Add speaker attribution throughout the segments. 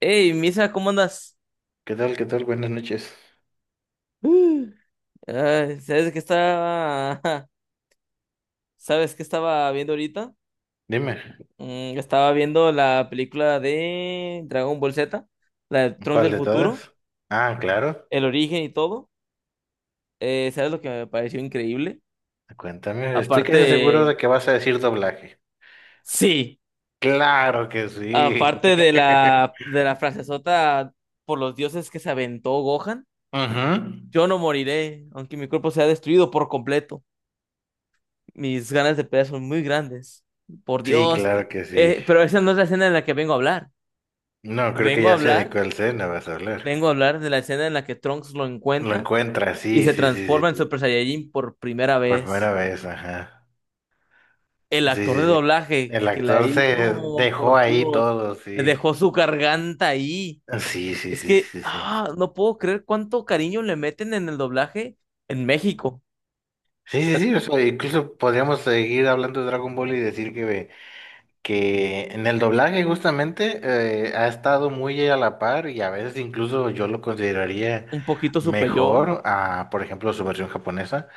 Speaker 1: Hey, Misa, ¿cómo andas?
Speaker 2: ¿Qué tal? ¿Qué tal? Buenas noches.
Speaker 1: Mm. Ay, ¿sabes qué estaba? ¿Sabes qué estaba viendo ahorita?
Speaker 2: Dime,
Speaker 1: Estaba viendo la película de Dragon Ball Z, la de Trunks
Speaker 2: ¿cuál
Speaker 1: del
Speaker 2: de
Speaker 1: futuro,
Speaker 2: todas? Ah, claro.
Speaker 1: el origen y todo. ¿Sabes lo que me pareció increíble?
Speaker 2: Cuéntame, estoy
Speaker 1: Aparte
Speaker 2: casi seguro
Speaker 1: de...
Speaker 2: de que vas a decir doblaje.
Speaker 1: Sí,
Speaker 2: Claro que sí.
Speaker 1: aparte de la frasezota por los dioses que se aventó Gohan,
Speaker 2: Ujú.
Speaker 1: yo no moriré, aunque mi cuerpo sea destruido por completo. Mis ganas de pelear son muy grandes. Por
Speaker 2: Sí,
Speaker 1: Dios.
Speaker 2: claro que sí.
Speaker 1: Pero esa no es la escena en la que vengo a hablar.
Speaker 2: No, creo que
Speaker 1: Vengo a
Speaker 2: ya sé de
Speaker 1: hablar,
Speaker 2: cuál escena vas a hablar.
Speaker 1: Vengo a hablar de la escena en la que Trunks lo
Speaker 2: Lo
Speaker 1: encuentra
Speaker 2: encuentras,
Speaker 1: y
Speaker 2: sí,
Speaker 1: se
Speaker 2: sí, sí, sí,
Speaker 1: transforma en
Speaker 2: sí.
Speaker 1: Super Saiyajin por primera
Speaker 2: Por primera
Speaker 1: vez.
Speaker 2: vez, ajá.
Speaker 1: El
Speaker 2: Sí,
Speaker 1: actor de
Speaker 2: sí, sí.
Speaker 1: doblaje
Speaker 2: El
Speaker 1: que la
Speaker 2: actor
Speaker 1: hizo
Speaker 2: se
Speaker 1: no,
Speaker 2: dejó
Speaker 1: por
Speaker 2: ahí
Speaker 1: Dios,
Speaker 2: todo, sí.
Speaker 1: dejó su garganta ahí.
Speaker 2: Sí, sí,
Speaker 1: Es
Speaker 2: sí,
Speaker 1: que,
Speaker 2: sí, sí.
Speaker 1: ah, no puedo creer cuánto cariño le meten en el doblaje en México.
Speaker 2: Sí, sí, sí, o sea, incluso podríamos seguir hablando de Dragon Ball y decir que en el doblaje justamente ha estado muy a la par y a veces incluso yo lo consideraría
Speaker 1: Un poquito superior.
Speaker 2: mejor a, por ejemplo, su versión japonesa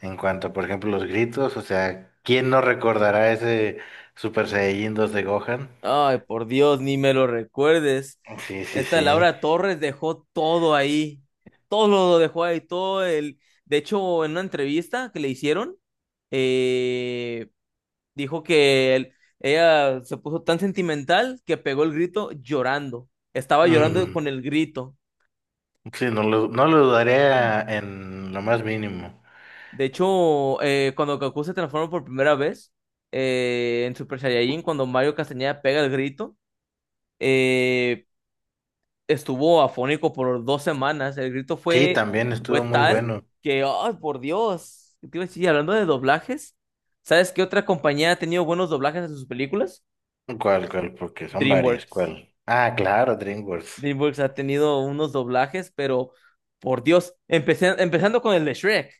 Speaker 2: en cuanto a, por ejemplo, los gritos, o sea, ¿quién no recordará ese Super Saiyajin 2 de Gohan?
Speaker 1: Ay, por Dios, ni me lo recuerdes.
Speaker 2: Sí, sí,
Speaker 1: Esta
Speaker 2: sí.
Speaker 1: Laura Torres dejó todo ahí. Todo lo dejó ahí, todo el... De hecho, en una entrevista que le hicieron, eh, dijo que ella se puso tan sentimental que pegó el grito llorando. Estaba llorando
Speaker 2: Mm,
Speaker 1: con el grito.
Speaker 2: sí, no lo dudaría en lo más mínimo.
Speaker 1: De hecho, cuando Goku se transforma por primera vez en Super Saiyajin, cuando Mario Castañeda pega el grito, eh, estuvo afónico por 2 semanas.
Speaker 2: Sí, también
Speaker 1: Fue
Speaker 2: estuvo muy
Speaker 1: tal
Speaker 2: bueno.
Speaker 1: que, ay, por Dios. ¿Qué te iba a decir? Hablando de doblajes, ¿sabes qué otra compañía ha tenido buenos doblajes en sus películas?
Speaker 2: ¿Cuál, cuál? Porque son varias,
Speaker 1: DreamWorks.
Speaker 2: ¿cuál? Ah, claro, DreamWorks.
Speaker 1: DreamWorks ha tenido unos doblajes, pero por Dios, empezando con el de Shrek.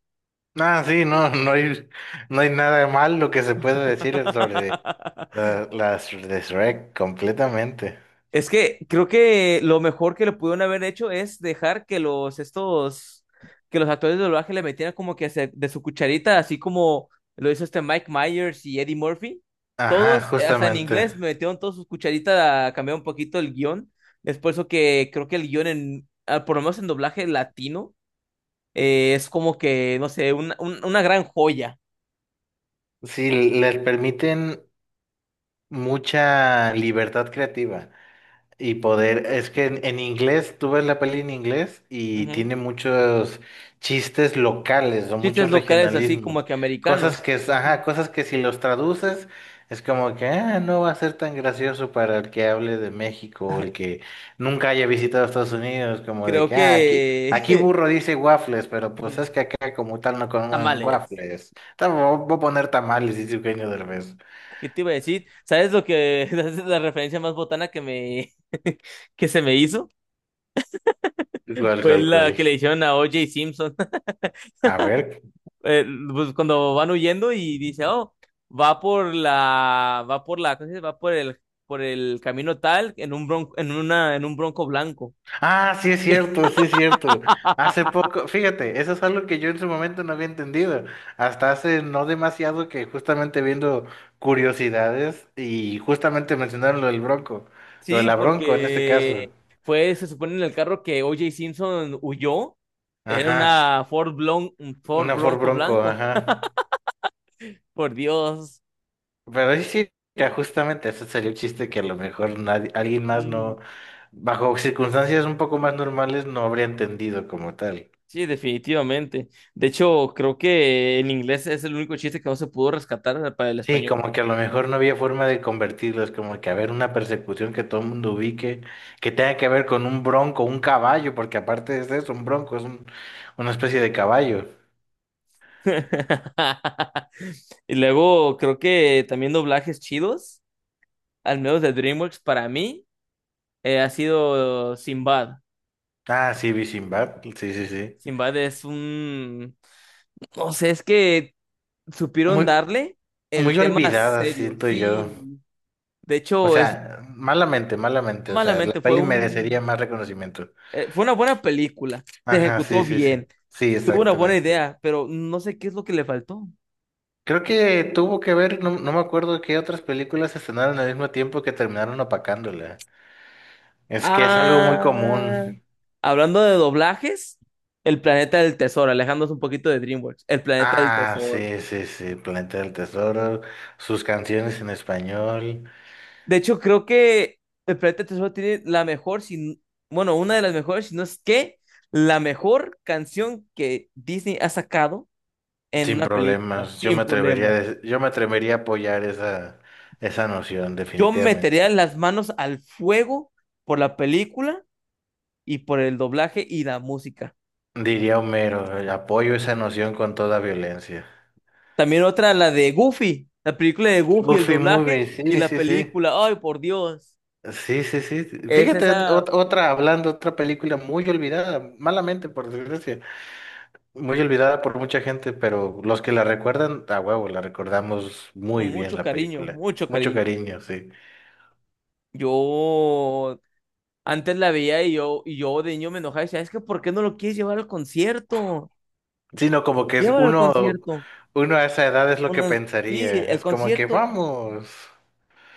Speaker 2: Ah, sí, no, no hay nada de mal lo que se puede decir sobre las de Shrek completamente.
Speaker 1: Es que creo que lo mejor que le pudieron haber hecho es dejar que los estos que los actores de doblaje le metieran como que de su cucharita, así como lo hizo este Mike Myers y Eddie Murphy.
Speaker 2: Ajá,
Speaker 1: Todos, hasta en
Speaker 2: justamente.
Speaker 1: inglés, metieron todos sus cucharitas a cambiar un poquito el guión. Es por eso que creo que el guión, en, ah, por lo menos en doblaje latino, es como que, no sé, una gran joya.
Speaker 2: Sí, les permiten mucha libertad creativa. Y poder, es que en inglés, tú ves la peli en inglés y
Speaker 1: Ujú.
Speaker 2: tiene muchos chistes locales o
Speaker 1: Chistes
Speaker 2: muchos
Speaker 1: locales así como
Speaker 2: regionalismos,
Speaker 1: que
Speaker 2: cosas
Speaker 1: americanos.
Speaker 2: que,
Speaker 1: Ujú.
Speaker 2: ajá, cosas que si los traduces es como que "Ah, no va a ser tan gracioso para el que hable de México o el que nunca haya visitado Estados Unidos", como de
Speaker 1: Creo
Speaker 2: que "Ah, aquí, aquí
Speaker 1: que...
Speaker 2: burro dice waffles, pero pues
Speaker 1: Ujú.
Speaker 2: es que acá como tal no comen
Speaker 1: Tamales.
Speaker 2: waffles. Voy a poner tamales", dice Eugenio Derbez.
Speaker 1: ¿Qué te iba a decir? ¿Sabes lo que es la referencia más botana que me que se me hizo?
Speaker 2: ¿Cuál,
Speaker 1: Fue
Speaker 2: cuál,
Speaker 1: la
Speaker 2: cuál?
Speaker 1: que le hicieron a O.J. Simpson.
Speaker 2: A ver.
Speaker 1: Eh, pues cuando van huyendo y dice, "Oh, va por la ¿cómo se dice? Va por el camino tal en un bronco en una en un bronco blanco."
Speaker 2: Ah, sí es cierto, sí es cierto. Hace poco, fíjate, eso es algo que yo en su momento no había entendido. Hasta hace no demasiado que justamente viendo curiosidades y justamente mencionaron lo del Bronco, lo de
Speaker 1: Sí,
Speaker 2: la Bronco en este caso.
Speaker 1: porque fue se supone en el carro que O.J. Simpson huyó. Era
Speaker 2: Ajá,
Speaker 1: una Ford
Speaker 2: una Ford
Speaker 1: Bronco
Speaker 2: Bronco,
Speaker 1: blanco.
Speaker 2: ajá.
Speaker 1: Por Dios.
Speaker 2: Pero sí, sí, mira, justamente ese sería un chiste que a lo mejor nadie, alguien más
Speaker 1: Mm.
Speaker 2: no, bajo circunstancias un poco más normales, no habría entendido como tal.
Speaker 1: Sí, definitivamente. De hecho, creo que en inglés es el único chiste que no se pudo rescatar para el
Speaker 2: Sí,
Speaker 1: español.
Speaker 2: como que a lo mejor no había forma de convertirlos, como que haber una persecución que todo el mundo ubique, que tenga que ver con un bronco, un caballo, porque aparte de eso, un bronco es una especie de caballo.
Speaker 1: Y luego, creo que también doblajes chidos, al menos de DreamWorks, para mí, ha sido Sinbad.
Speaker 2: Ah, sí, vi Sinbad, sí, sí, sí.
Speaker 1: Sinbad es un... No sé, es que supieron
Speaker 2: Muy,
Speaker 1: darle el
Speaker 2: muy
Speaker 1: tema
Speaker 2: olvidada,
Speaker 1: serio.
Speaker 2: siento yo.
Speaker 1: Sí, de
Speaker 2: O
Speaker 1: hecho, es
Speaker 2: sea, malamente, malamente, o sea, la
Speaker 1: malamente fue
Speaker 2: peli merecería
Speaker 1: un...
Speaker 2: más reconocimiento.
Speaker 1: fue una buena película, se
Speaker 2: Ajá, sí,
Speaker 1: ejecutó
Speaker 2: sí, sí.
Speaker 1: bien.
Speaker 2: Sí,
Speaker 1: Tuvo una buena
Speaker 2: exactamente.
Speaker 1: idea, pero no sé qué es lo que le faltó.
Speaker 2: Creo que tuvo que ver, no, no me acuerdo qué otras películas se estrenaron al mismo tiempo que terminaron opacándola. Es que es algo muy
Speaker 1: Ah,
Speaker 2: común.
Speaker 1: hablando de doblajes, El Planeta del Tesoro, alejándonos un poquito de DreamWorks, El Planeta del
Speaker 2: Ah,
Speaker 1: Tesoro.
Speaker 2: sí, sí, sí, Planeta del Tesoro, sus canciones en español,
Speaker 1: De hecho, creo que El Planeta del Tesoro tiene la mejor, bueno, una de las mejores, si no es que la mejor canción que Disney ha sacado en
Speaker 2: sin
Speaker 1: una película,
Speaker 2: problemas. Yo me
Speaker 1: sin
Speaker 2: atrevería a,
Speaker 1: problema.
Speaker 2: des- yo me atrevería a apoyar esa noción,
Speaker 1: Yo metería
Speaker 2: definitivamente.
Speaker 1: las manos al fuego por la película y por el doblaje y la música.
Speaker 2: Diría Homero, apoyo esa noción con toda violencia.
Speaker 1: También otra, la de Goofy, la película de Goofy, el
Speaker 2: Buffy
Speaker 1: doblaje
Speaker 2: Movie,
Speaker 1: y
Speaker 2: sí,
Speaker 1: la
Speaker 2: sí, sí.
Speaker 1: película. Ay, por Dios.
Speaker 2: Sí, sí, sí.
Speaker 1: Es
Speaker 2: Fíjate,
Speaker 1: esa
Speaker 2: otra, hablando, otra película muy olvidada, malamente, por desgracia. Muy olvidada por mucha gente, pero los que la recuerdan, a huevo, la recordamos
Speaker 1: con
Speaker 2: muy bien
Speaker 1: mucho
Speaker 2: la
Speaker 1: cariño,
Speaker 2: película.
Speaker 1: mucho
Speaker 2: Mucho
Speaker 1: cariño.
Speaker 2: cariño, sí.
Speaker 1: Yo antes la veía y yo de niño me enojaba y decía, es que ¿por qué no lo quieres llevar al concierto?
Speaker 2: Sino como que es
Speaker 1: Llévalo al
Speaker 2: uno,
Speaker 1: concierto.
Speaker 2: uno a esa edad es lo que
Speaker 1: Una- sí,
Speaker 2: pensaría.
Speaker 1: el
Speaker 2: Es como que
Speaker 1: concierto.
Speaker 2: vamos.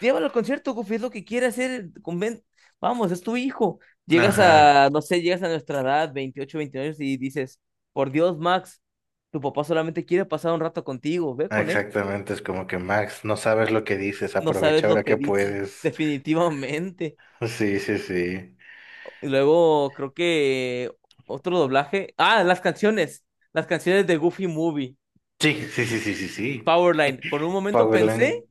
Speaker 1: Llévalo al concierto, Goofy, es lo que quiere hacer. Vamos, es tu hijo. Llegas
Speaker 2: Ajá,
Speaker 1: a, no sé, llegas a nuestra edad, 28, 29 años, y dices, por Dios, Max, tu papá solamente quiere pasar un rato contigo, ve con él.
Speaker 2: exactamente. Es como que Max, no sabes lo que dices,
Speaker 1: No sabes
Speaker 2: aprovecha
Speaker 1: lo
Speaker 2: ahora
Speaker 1: que
Speaker 2: que
Speaker 1: dice,
Speaker 2: puedes.
Speaker 1: definitivamente.
Speaker 2: Sí, sí, sí.
Speaker 1: Y luego creo que otro doblaje. Ah, las canciones de Goofy Movie,
Speaker 2: Sí, sí, sí, sí, sí, sí.
Speaker 1: Powerline. Por un momento pensé
Speaker 2: Powerland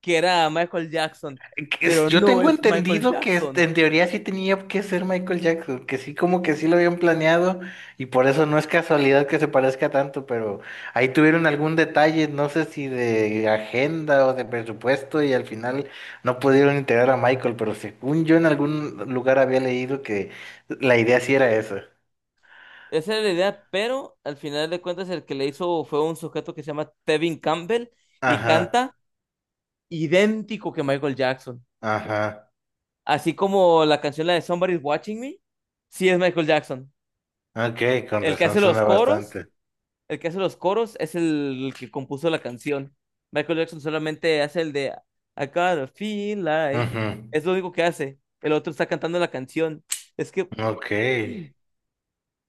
Speaker 1: que era Michael Jackson,
Speaker 2: que es-
Speaker 1: pero
Speaker 2: Yo
Speaker 1: no
Speaker 2: tengo
Speaker 1: es Michael
Speaker 2: entendido que este,
Speaker 1: Jackson.
Speaker 2: en teoría sí tenía que ser Michael Jackson, que sí, como que sí lo habían planeado y por eso no es casualidad que se parezca tanto, pero ahí tuvieron algún detalle, no sé si de agenda o de presupuesto y al final no pudieron integrar a Michael, pero según yo en algún lugar había leído que la idea sí era esa.
Speaker 1: Esa era la idea, pero al final de cuentas el que le hizo fue un sujeto que se llama Tevin Campbell y
Speaker 2: Ajá,
Speaker 1: canta idéntico que Michael Jackson.
Speaker 2: ajá,
Speaker 1: Así como la canción la de Somebody's Watching Me, sí es Michael Jackson.
Speaker 2: ok, con
Speaker 1: El que
Speaker 2: razón
Speaker 1: hace los
Speaker 2: suena
Speaker 1: coros,
Speaker 2: bastante.
Speaker 1: el que hace los coros es el que compuso la canción. Michael Jackson solamente hace el de I gotta feel like.
Speaker 2: Ujú,
Speaker 1: Es lo único que hace. El otro está cantando la canción. Es que
Speaker 2: ok,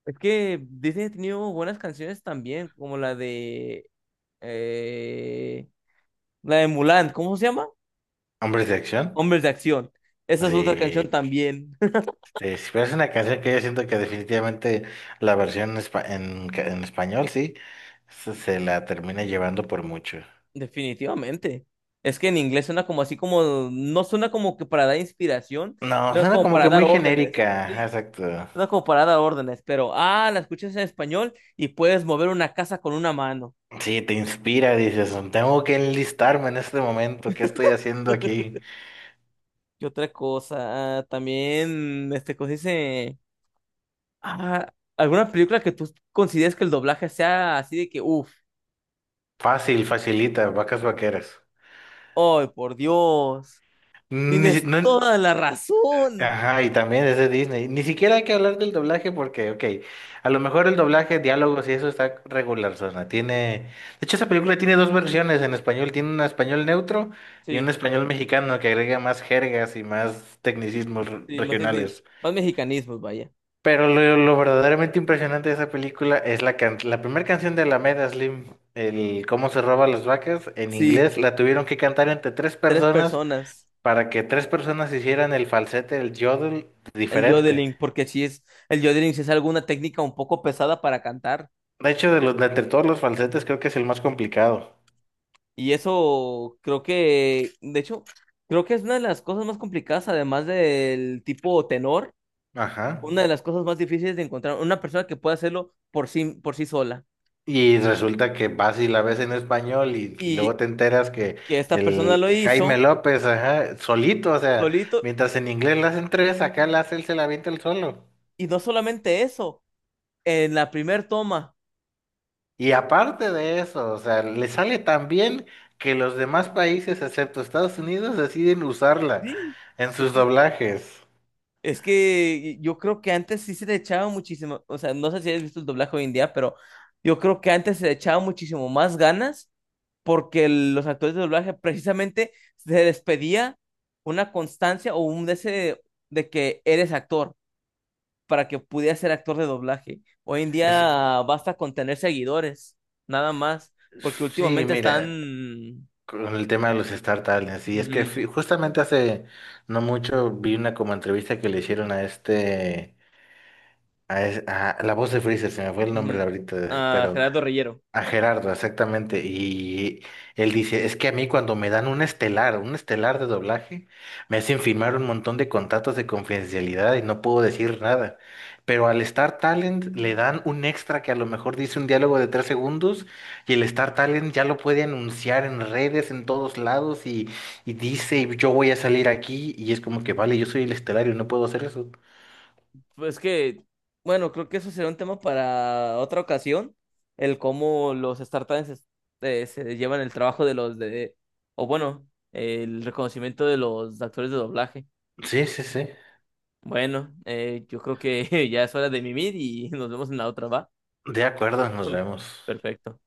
Speaker 1: Es que Disney ha tenido buenas canciones también, como eh, la de Mulan, ¿cómo se llama?
Speaker 2: hombres de acción,
Speaker 1: Hombres de Acción. Esa es otra canción
Speaker 2: sí.
Speaker 1: también.
Speaker 2: Sí, sí, pero es una canción que yo siento que definitivamente la versión en español, sí, se la termina llevando por mucho.
Speaker 1: Definitivamente. Es que en inglés suena como así como, no suena como que para dar inspiración,
Speaker 2: No,
Speaker 1: sino
Speaker 2: suena
Speaker 1: como
Speaker 2: como
Speaker 1: para
Speaker 2: que
Speaker 1: dar
Speaker 2: muy
Speaker 1: órdenes.
Speaker 2: genérica, ajá,
Speaker 1: Sí.
Speaker 2: exacto.
Speaker 1: Suena como para dar órdenes, pero ah, la escuchas en español y puedes mover una casa con una mano.
Speaker 2: Sí, te inspira, dices, tengo que enlistarme en este momento, ¿qué estoy haciendo aquí?
Speaker 1: ¿Qué otra cosa? Ah, también, este, cosa dice. Ah, ¿alguna película que tú consideres que el doblaje sea así de que, uff,
Speaker 2: Fácil, facilita, vacas vaqueras.
Speaker 1: ay, por Dios,
Speaker 2: Ni si-
Speaker 1: tienes
Speaker 2: no,
Speaker 1: toda la razón?
Speaker 2: Ajá, y también es de Disney. Ni siquiera hay que hablar del doblaje porque, ok, a lo mejor el doblaje, diálogos y eso está regular, zona. Tiene, de hecho, esa película tiene dos versiones en español. Tiene un español neutro y un
Speaker 1: Sí,
Speaker 2: español mexicano que agrega más jergas y más tecnicismos
Speaker 1: sí, más,
Speaker 2: regionales.
Speaker 1: más mexicanismos, vaya.
Speaker 2: Pero lo verdaderamente impresionante de esa película es la primera canción de Alameda Slim, el cómo se roba las vacas, en
Speaker 1: Sí,
Speaker 2: inglés la tuvieron que cantar entre tres
Speaker 1: tres
Speaker 2: personas
Speaker 1: personas.
Speaker 2: para que tres personas hicieran el falsete, el yodel
Speaker 1: El
Speaker 2: diferente.
Speaker 1: yodeling, porque sí es, el yodeling sí es alguna técnica un poco pesada para cantar.
Speaker 2: De hecho, de entre todos los falsetes creo que es el más complicado.
Speaker 1: Y eso creo que, de hecho, creo que es una de las cosas más complicadas, además del tipo tenor,
Speaker 2: Ajá.
Speaker 1: una de las cosas más difíciles de encontrar, una persona que pueda hacerlo por sí sola.
Speaker 2: Y resulta que vas y la ves en español y luego te enteras que
Speaker 1: Que esta persona
Speaker 2: el
Speaker 1: lo
Speaker 2: Jaime
Speaker 1: hizo
Speaker 2: López, ajá, solito, o sea,
Speaker 1: solito
Speaker 2: mientras en inglés la hacen tres, acá la hace él, se la avienta el solo.
Speaker 1: y no solamente eso, en la primer toma.
Speaker 2: Y aparte de eso, o sea, le sale tan bien que los demás
Speaker 1: No,
Speaker 2: países, excepto Estados Unidos, deciden usarla
Speaker 1: sí,
Speaker 2: en
Speaker 1: es
Speaker 2: sus
Speaker 1: que,
Speaker 2: doblajes.
Speaker 1: es que yo creo que antes sí se le echaba muchísimo, o sea, no sé si has visto el doblaje hoy en día, pero yo creo que antes se le echaba muchísimo más ganas porque los actores de doblaje precisamente se les pedía una constancia o un deseo de que eres actor, para que pudiera ser actor de doblaje. Hoy en
Speaker 2: Es,
Speaker 1: día basta con tener seguidores, nada más, porque
Speaker 2: sí,
Speaker 1: últimamente
Speaker 2: mira.
Speaker 1: están...
Speaker 2: Con el tema de los Star Talents, y es que
Speaker 1: Ujú,
Speaker 2: justamente hace no mucho vi una como entrevista que le hicieron a este, a la voz de Freezer, se me fue el
Speaker 1: ujú.
Speaker 2: nombre ahorita,
Speaker 1: Ah,
Speaker 2: pero
Speaker 1: Gerardo Rillero.
Speaker 2: a Gerardo, exactamente. Y él dice, es que a mí cuando me dan un estelar de doblaje, me hacen firmar un montón de contratos de confidencialidad y no puedo decir nada. Pero al Star Talent le dan un extra que a lo mejor dice un diálogo de 3 segundos y el Star Talent ya lo puede anunciar en redes, en todos lados y dice, yo voy a salir aquí y es como que, vale, yo soy el estelar y no puedo hacer eso.
Speaker 1: Pues que, bueno, creo que eso será un tema para otra ocasión, el cómo los startups se llevan el trabajo de o bueno, el reconocimiento de los actores de doblaje.
Speaker 2: Sí, sí, sí.
Speaker 1: Bueno, yo creo que ya es hora de mimir y nos vemos en la otra, ¿va?
Speaker 2: De acuerdo, nos vemos.
Speaker 1: Perfecto.